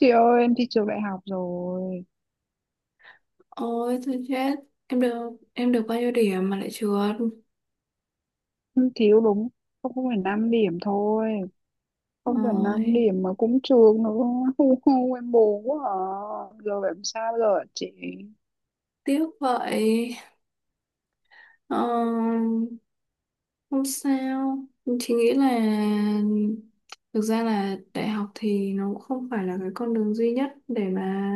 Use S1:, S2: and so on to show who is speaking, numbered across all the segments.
S1: Chị ơi, em thi trường đại học rồi.
S2: Ôi thôi chết! Em được bao nhiêu điểm mà lại trượt?
S1: Em thiếu đúng 0,5 điểm thôi, không phẩy năm
S2: Ôi
S1: điểm mà cũng trường nữa. Hu hu, em buồn quá à. Giờ phải làm sao bây giờ hả chị?
S2: tiếc vậy. ờ, Không sao. Chị nghĩ là thực ra là đại học thì nó cũng không phải là cái con đường duy nhất để mà...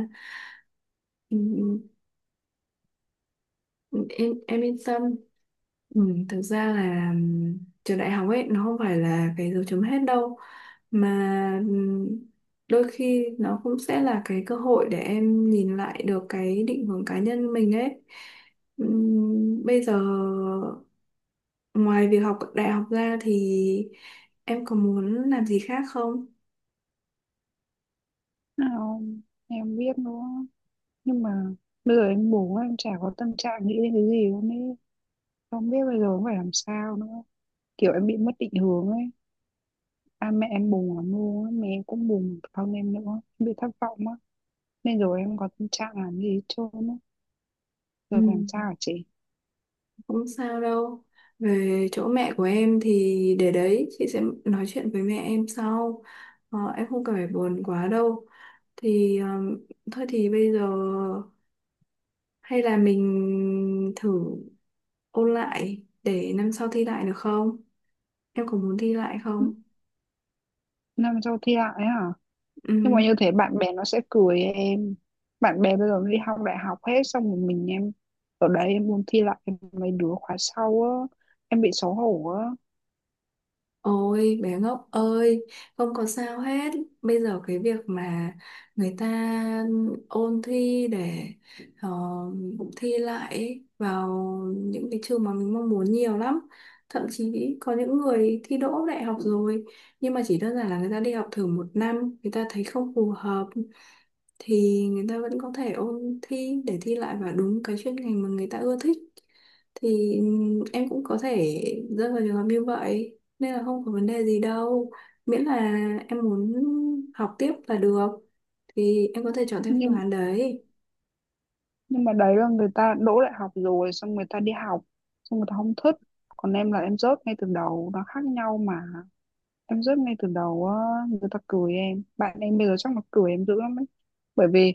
S2: ừ, em yên tâm. Ừ, Thực ra là trường đại học ấy nó không phải là cái dấu chấm hết đâu, mà ừm, đôi khi nó cũng sẽ là cái cơ hội để em nhìn lại được cái định hướng cá nhân mình ấy. Bây giờ ngoài việc học đại học ra thì em có muốn làm gì khác không?
S1: Nào em biết nữa. Nhưng mà bây giờ em buồn quá, em chả có tâm trạng nghĩ đến cái gì luôn ấy. Không biết bây giờ phải làm sao nữa. Kiểu em bị mất định hướng ấy. À, mẹ em buồn lắm luôn á. Mẹ em cũng buồn thân em nữa. Em bị thất vọng á. Nên rồi em có tâm trạng làm gì hết trơn á. Giờ
S2: Ừ,
S1: phải làm sao hả chị?
S2: không sao đâu. Về chỗ mẹ của em thì để đấy, chị sẽ nói chuyện với mẹ em sau. Ờ, em không cần phải buồn quá đâu. Thì Thôi thì bây giờ hay là mình thử ôn lại để năm sau thi lại được không? Em có muốn thi lại không?
S1: Nam châu thi lại ấy hả? Nhưng mà
S2: Ừ.
S1: như thế bạn bè nó sẽ cười em. Bạn bè bây giờ nó đi học đại học hết xong rồi mình em ở đấy em muốn thi lại mấy đứa khóa sau á, em bị xấu hổ á.
S2: Ôi bé ngốc ơi, không có sao hết. Bây giờ cái việc mà người ta ôn thi để ờ, thi lại ấy, vào những cái trường mà mình mong muốn nhiều lắm. Thậm chí có những người thi đỗ đại học rồi nhưng mà chỉ đơn giản là người ta đi học thử một năm, người ta thấy không phù hợp thì người ta vẫn có thể ôn thi để thi lại vào đúng cái chuyên ngành mà người ta ưa thích. Thì em cũng có thể rơi vào trường hợp như vậy, nên là không có vấn đề gì đâu. Miễn là em muốn học tiếp là được, thì em có thể chọn theo phương
S1: Nhưng
S2: án đấy.
S1: nhưng mà đấy là người ta đỗ đại học rồi xong người ta đi học xong người ta không thích. Còn em là em rớt ngay từ đầu, nó khác nhau mà. Em rớt ngay từ đầu á, người ta cười em. Bạn em bây giờ chắc là cười em dữ lắm ấy. Bởi vì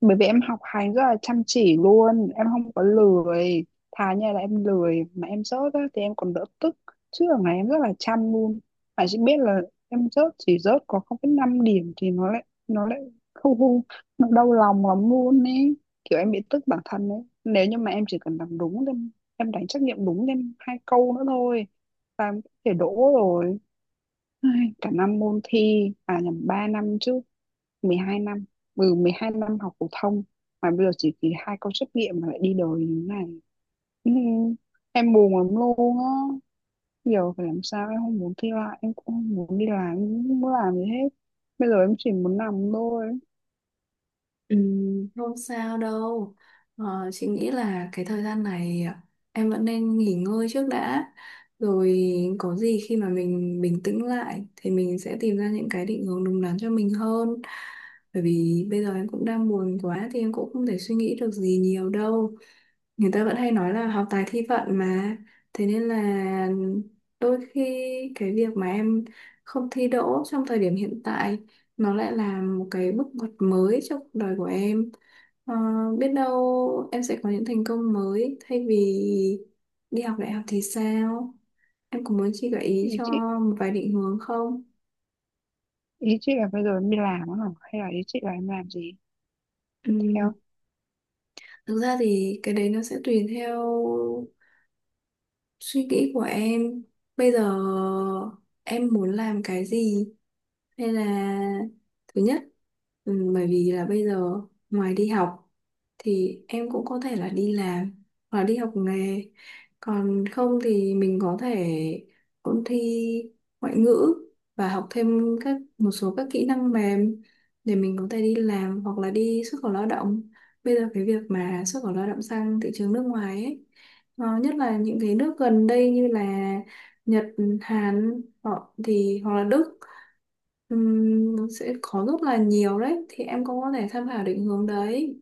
S1: bởi vì em học hành rất là chăm chỉ luôn, em không có lười, thà như là em lười mà em rớt á thì em còn đỡ tức, chứ ở này em rất là chăm luôn, mà chỉ biết là em rớt chỉ rớt có 0,5 điểm thì nó lại không không, nó đau lòng lắm luôn ấy, kiểu em bị tức bản thân ấy. Nếu như mà em chỉ cần làm đúng thì em đánh trắc nghiệm đúng thêm hai câu nữa thôi là em có thể đỗ rồi. Ai, cả năm môn thi, à nhầm, 3 năm chứ, 12 năm, ừ, 12 năm học phổ thông mà bây giờ chỉ kỳ hai câu trắc nghiệm mà lại đi đời như thế này. Ừ, em buồn lắm luôn á. Giờ phải làm sao, em không muốn thi lại, em cũng không muốn đi làm, em không muốn làm gì hết. Bây giờ em chỉ muốn nằm thôi.
S2: Ừ, không sao đâu. Ờ, chị nghĩ là cái thời gian này em vẫn nên nghỉ ngơi trước đã. Rồi có gì khi mà mình bình tĩnh lại thì mình sẽ tìm ra những cái định hướng đúng đắn cho mình hơn. Bởi vì bây giờ em cũng đang buồn quá thì em cũng không thể suy nghĩ được gì nhiều đâu. Người ta vẫn hay nói là học tài thi vận mà, thế nên là đôi khi cái việc mà em không thi đỗ trong thời điểm hiện tại nó lại là một cái bước ngoặt mới trong cuộc đời của em. Ờ, biết đâu em sẽ có những thành công mới thay vì đi học đại học thì sao. Em có muốn chị gợi
S1: Ý
S2: ý cho
S1: chị,
S2: một vài định hướng không?
S1: ý chị là bây giờ em đi làm á hả? Hay là ý chị là em làm gì tiếp
S2: Ừm,
S1: theo?
S2: thực ra thì cái đấy nó sẽ tùy theo suy nghĩ của em. Bây giờ em muốn làm cái gì? Hay là thứ nhất, ừ, bởi vì là bây giờ ngoài đi học thì em cũng có thể là đi làm hoặc là đi học nghề. Còn không thì mình có thể ôn thi ngoại ngữ và học thêm các một số các kỹ năng mềm để mình có thể đi làm hoặc là đi xuất khẩu lao động. Bây giờ cái việc mà xuất khẩu lao động sang thị trường nước ngoài ấy, ờ, nhất là những cái nước gần đây như là Nhật, Hàn họ thì hoặc là Đức. Nó sẽ có rất là nhiều đấy, thì em cũng có thể tham khảo định hướng đấy.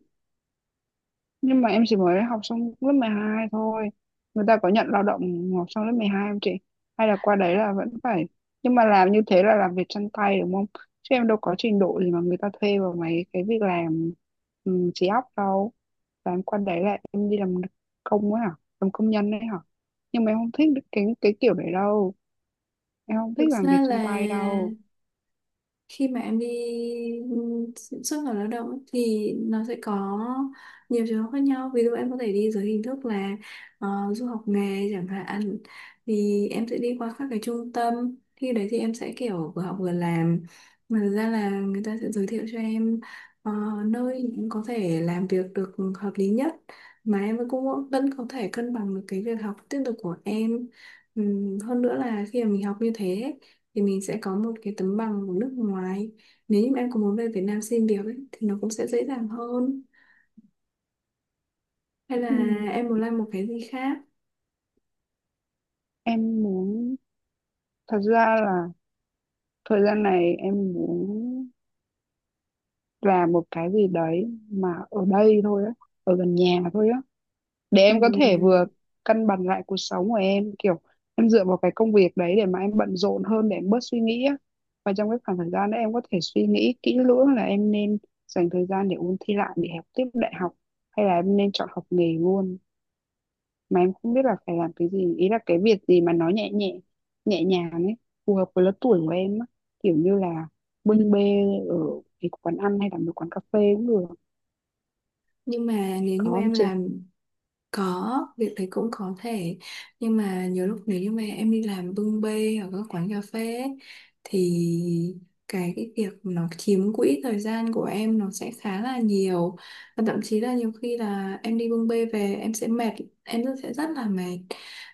S1: Nhưng mà em chỉ mới học xong lớp 12 thôi, người ta có nhận lao động học xong lớp 12 không chị? Hay là qua đấy là vẫn phải, nhưng mà làm như thế là làm việc chân tay đúng không? Chứ em đâu có trình độ gì mà người ta thuê vào mấy cái việc làm trí óc đâu. Và em qua đấy là em đi làm công ấy hả, làm công nhân đấy hả? Nhưng mà em không thích cái kiểu đấy đâu, em không thích
S2: Thực
S1: làm việc
S2: ra
S1: chân
S2: là
S1: tay đâu.
S2: khi mà em đi, ừ, xuất khẩu lao động ấy, thì nó sẽ có nhiều trường hợp khác nhau. Ví dụ em có thể đi dưới hình thức là ờ, du học nghề chẳng hạn. Thì em sẽ đi qua các cái trung tâm, khi đấy thì em sẽ kiểu vừa học vừa làm. Mà thực ra là người ta sẽ giới thiệu cho em ờ, nơi em có thể làm việc được hợp lý nhất, mà em cũng vẫn có thể cân bằng được cái việc học tiếp tục của em. Hơn nữa là khi mà mình học như thế thì mình sẽ có một cái tấm bằng của nước ngoài, nếu như mà em có muốn về Việt Nam xin việc ấy, thì nó cũng sẽ dễ dàng hơn. Hay là
S1: Ừm,
S2: em muốn làm một cái gì khác?
S1: em muốn, thật ra là thời gian này em muốn là một cái gì đấy mà ở đây thôi á, ở gần nhà thôi á, để em có thể vừa
S2: Ừm,
S1: cân bằng lại cuộc sống của em, kiểu em dựa vào cái công việc đấy để mà em bận rộn hơn, để em bớt suy nghĩ á, và trong cái khoảng thời gian đó em có thể suy nghĩ kỹ lưỡng là em nên dành thời gian để ôn thi lại để học tiếp đại học hay là em nên chọn học nghề luôn. Mà em không biết là phải làm cái gì, ý là cái việc gì mà nó nhẹ nhẹ, nhẹ nhàng ấy, phù hợp với lứa tuổi của em á, kiểu như là bưng bê ở cái quán ăn hay là một quán cà phê cũng được,
S2: nhưng mà nếu như
S1: có
S2: mà
S1: không
S2: em
S1: chị?
S2: làm... Có, việc đấy cũng có thể. Nhưng mà nhiều lúc nếu như mà em đi làm bưng bê ở các quán cà phê ấy, thì cái việc nó chiếm quỹ thời gian của em nó sẽ khá là nhiều. Và thậm chí là nhiều khi là em đi bưng bê về em sẽ mệt. Sẽ rất là mệt.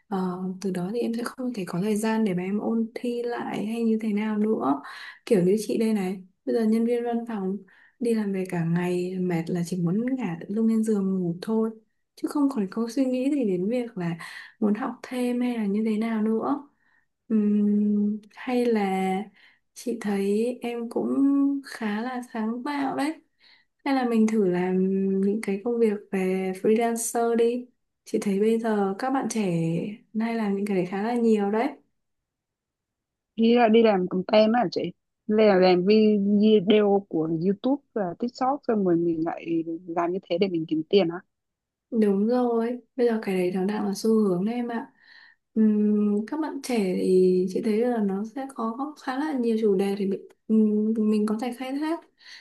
S2: Ờ, từ đó thì em sẽ không thể có thời gian để mà em ôn thi lại hay như thế nào nữa. Kiểu như chị đây này, bây giờ nhân viên văn phòng đi làm về cả ngày mệt là chỉ muốn ngả lưng lên giường ngủ thôi, chứ không còn câu suy nghĩ gì đến việc là muốn học thêm hay là như thế nào nữa. Hay là... chị thấy em cũng khá là sáng tạo đấy, hay là mình thử làm những cái công việc về freelancer đi. Chị thấy bây giờ các bạn trẻ nay làm những cái đấy khá là nhiều đấy.
S1: Đi ra đi làm content á hả chị? Làm video của YouTube và TikTok xong rồi mình lại làm như thế để mình kiếm tiền hả?
S2: Đúng rồi, bây giờ cái đấy nó đang là xu hướng đấy em ạ. Các bạn trẻ thì chị thấy là nó sẽ có khá là nhiều chủ đề để mình có thể khai thác.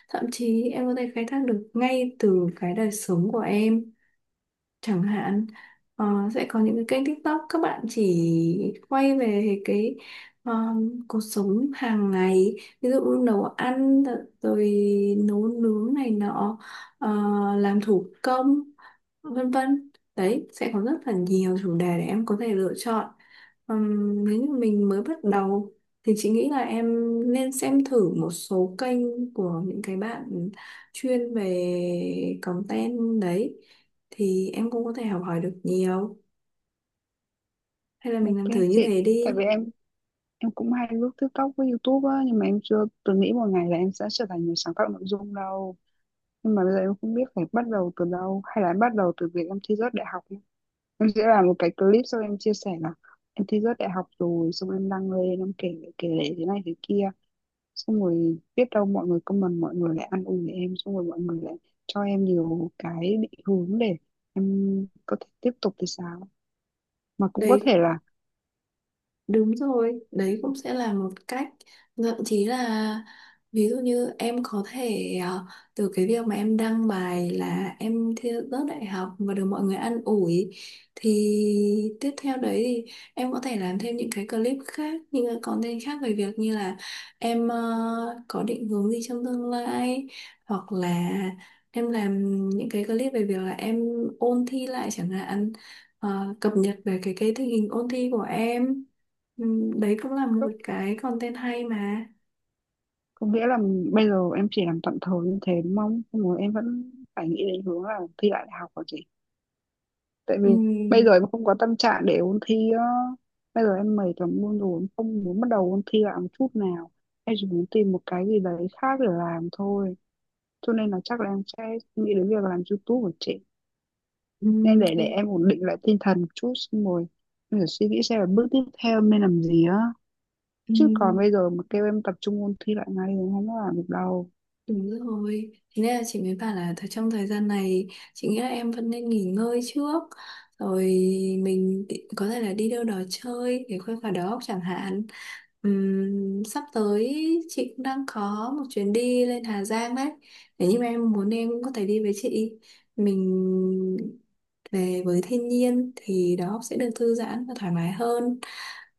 S2: Thậm chí em có thể khai thác được ngay từ cái đời sống của em chẳng hạn. Ờ, sẽ có những cái kênh TikTok các bạn chỉ quay về cái ờ, cuộc sống hàng ngày, ví dụ như nấu ăn rồi nấu nướng này nọ, ờ, làm thủ công, vân vân. Đấy sẽ có rất là nhiều chủ đề để em có thể lựa chọn. Nếu như mình mới bắt đầu thì chị nghĩ là em nên xem thử một số kênh của những cái bạn chuyên về content đấy, thì em cũng có thể học hỏi được nhiều. Hay là mình
S1: Ok
S2: làm thử như
S1: chị.
S2: thế
S1: Tại
S2: đi.
S1: vì em cũng hay lướt TikTok với YouTube á nhưng mà em chưa từng nghĩ một ngày là em sẽ trở thành người sáng tạo nội dung đâu. Nhưng mà bây giờ em không biết phải bắt đầu từ đâu, hay là em bắt đầu từ việc em thi rớt đại học nhá. Em sẽ làm một cái clip xong em chia sẻ là em thi rớt đại học rồi xong em đăng lên em kể kể lể thế này thế kia, xong rồi biết đâu mọi người comment, mọi người lại ăn uổi em, xong rồi mọi người lại cho em nhiều cái định hướng để em có thể tiếp tục thì sao, mà cũng có thể
S2: Đây,
S1: là
S2: đúng rồi, đấy cũng sẽ là một cách. Thậm chí là ví dụ như em có thể từ cái việc mà em đăng bài là em thi rớt đại học và được mọi người an ủi, thì tiếp theo đấy thì em có thể làm thêm những cái clip khác, những cái content khác về việc như là em có định hướng gì trong tương lai, hoặc là em làm những cái clip về việc là em ôn thi lại chẳng hạn. Ờ, cập nhật về cái tình hình ôn thi của em. Ừ, đấy cũng là
S1: có,
S2: một cái content hay mà.
S1: có nghĩa là bây giờ em chỉ làm tạm thời như thế đúng không, xong rồi em vẫn phải nghĩ đến hướng là thi lại đại học rồi chị. Tại vì
S2: ừ,
S1: bây giờ em không có tâm trạng để ôn thi á, bây giờ em mệt lắm luôn rồi, em không muốn bắt đầu ôn thi lại một chút nào, em chỉ muốn tìm một cái gì đấy khác để làm thôi. Cho nên là chắc là em sẽ nghĩ đến việc làm YouTube của chị,
S2: ừ,
S1: nên để
S2: thì,
S1: em ổn định lại tinh thần một chút xong rồi em phải suy nghĩ xem là bước tiếp theo em nên làm gì á,
S2: ừ,
S1: chứ còn bây giờ mà kêu em tập trung ôn thi lại ngay thì em không có làm được đâu.
S2: Đúng rồi, thế nên là chị mới bảo là trong thời gian này chị nghĩ là em vẫn nên nghỉ ngơi trước. Rồi có thể là đi đâu đó chơi để khuây khỏa đầu óc chẳng hạn. Sắp tới chị cũng đang có một chuyến đi lên Hà Giang đấy, nếu như mà em muốn em cũng có thể đi với chị. Mình về với thiên nhiên thì đầu óc sẽ được thư giãn và thoải mái hơn.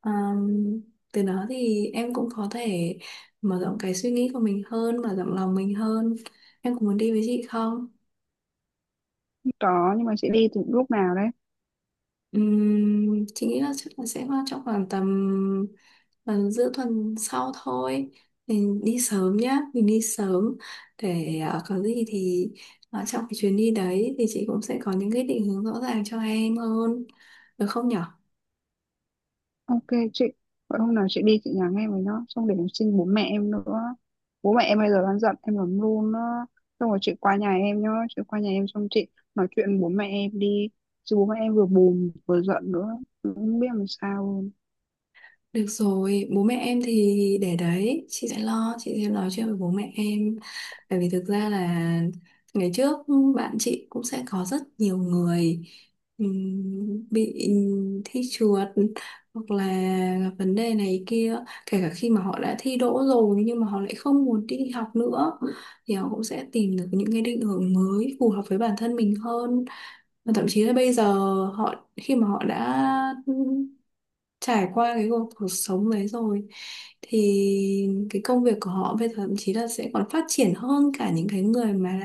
S2: Ờm, từ đó thì em cũng có thể mở rộng cái suy nghĩ của mình hơn, mở rộng lòng mình hơn. Em có muốn đi với chị không?
S1: Không có nhưng mà chị đi từ lúc nào đấy?
S2: Chị nghĩ là chắc là sẽ vào trong khoảng tầm tầm giữa tuần sau thôi. Mình đi sớm nhá, mình đi sớm để ờ, có gì thì ờ, trong cái chuyến đi đấy thì chị cũng sẽ có những cái định hướng rõ ràng cho em hơn, được không nhở?
S1: Ok chị, vậy hôm nào chị đi chị nhắn em với nó xong để em xin bố mẹ em nữa, bố mẹ em bây giờ đang giận em lắm luôn á. Xong rồi chị qua nhà em nhá, chị qua nhà em xong chị nói chuyện với bố mẹ em đi, chứ bố mẹ em vừa buồn vừa giận nữa, em không biết làm sao luôn.
S2: Được rồi, bố mẹ em thì để đấy, chị sẽ lo, chị sẽ nói chuyện với bố mẹ em. Bởi vì thực ra là ngày trước bạn chị cũng sẽ có rất nhiều người bị thi trượt hoặc là gặp vấn đề này kia, kể cả khi mà họ đã thi đỗ rồi nhưng mà họ lại không muốn đi học nữa, thì họ cũng sẽ tìm được những cái định hướng mới phù hợp với bản thân mình hơn. Và thậm chí là bây giờ họ, khi mà họ đã trải qua cái cuộc cuộc sống đấy rồi, thì cái công việc của họ bây giờ thậm chí là sẽ còn phát triển hơn cả những cái người mà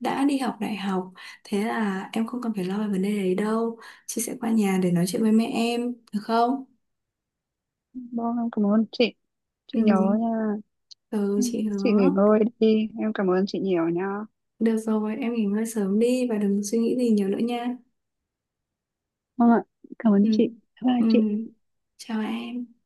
S2: đã đi học đại học. Thế là em không cần phải lo về vấn đề đấy đâu. Chị sẽ qua nhà để nói chuyện với mẹ em được không?
S1: Vâng, em cảm ơn chị.
S2: ừ,
S1: Chị nhớ nha.
S2: ừ,
S1: Ừ,
S2: chị
S1: chị
S2: hứa.
S1: nghỉ ngơi đi. Em cảm ơn chị nhiều nha.
S2: Được rồi, em nghỉ ngơi sớm đi và đừng suy nghĩ gì nhiều nữa nha.
S1: Vâng ạ, cảm ơn
S2: Ừ.
S1: chị. Bye bye
S2: ừ.
S1: chị.
S2: Chào em.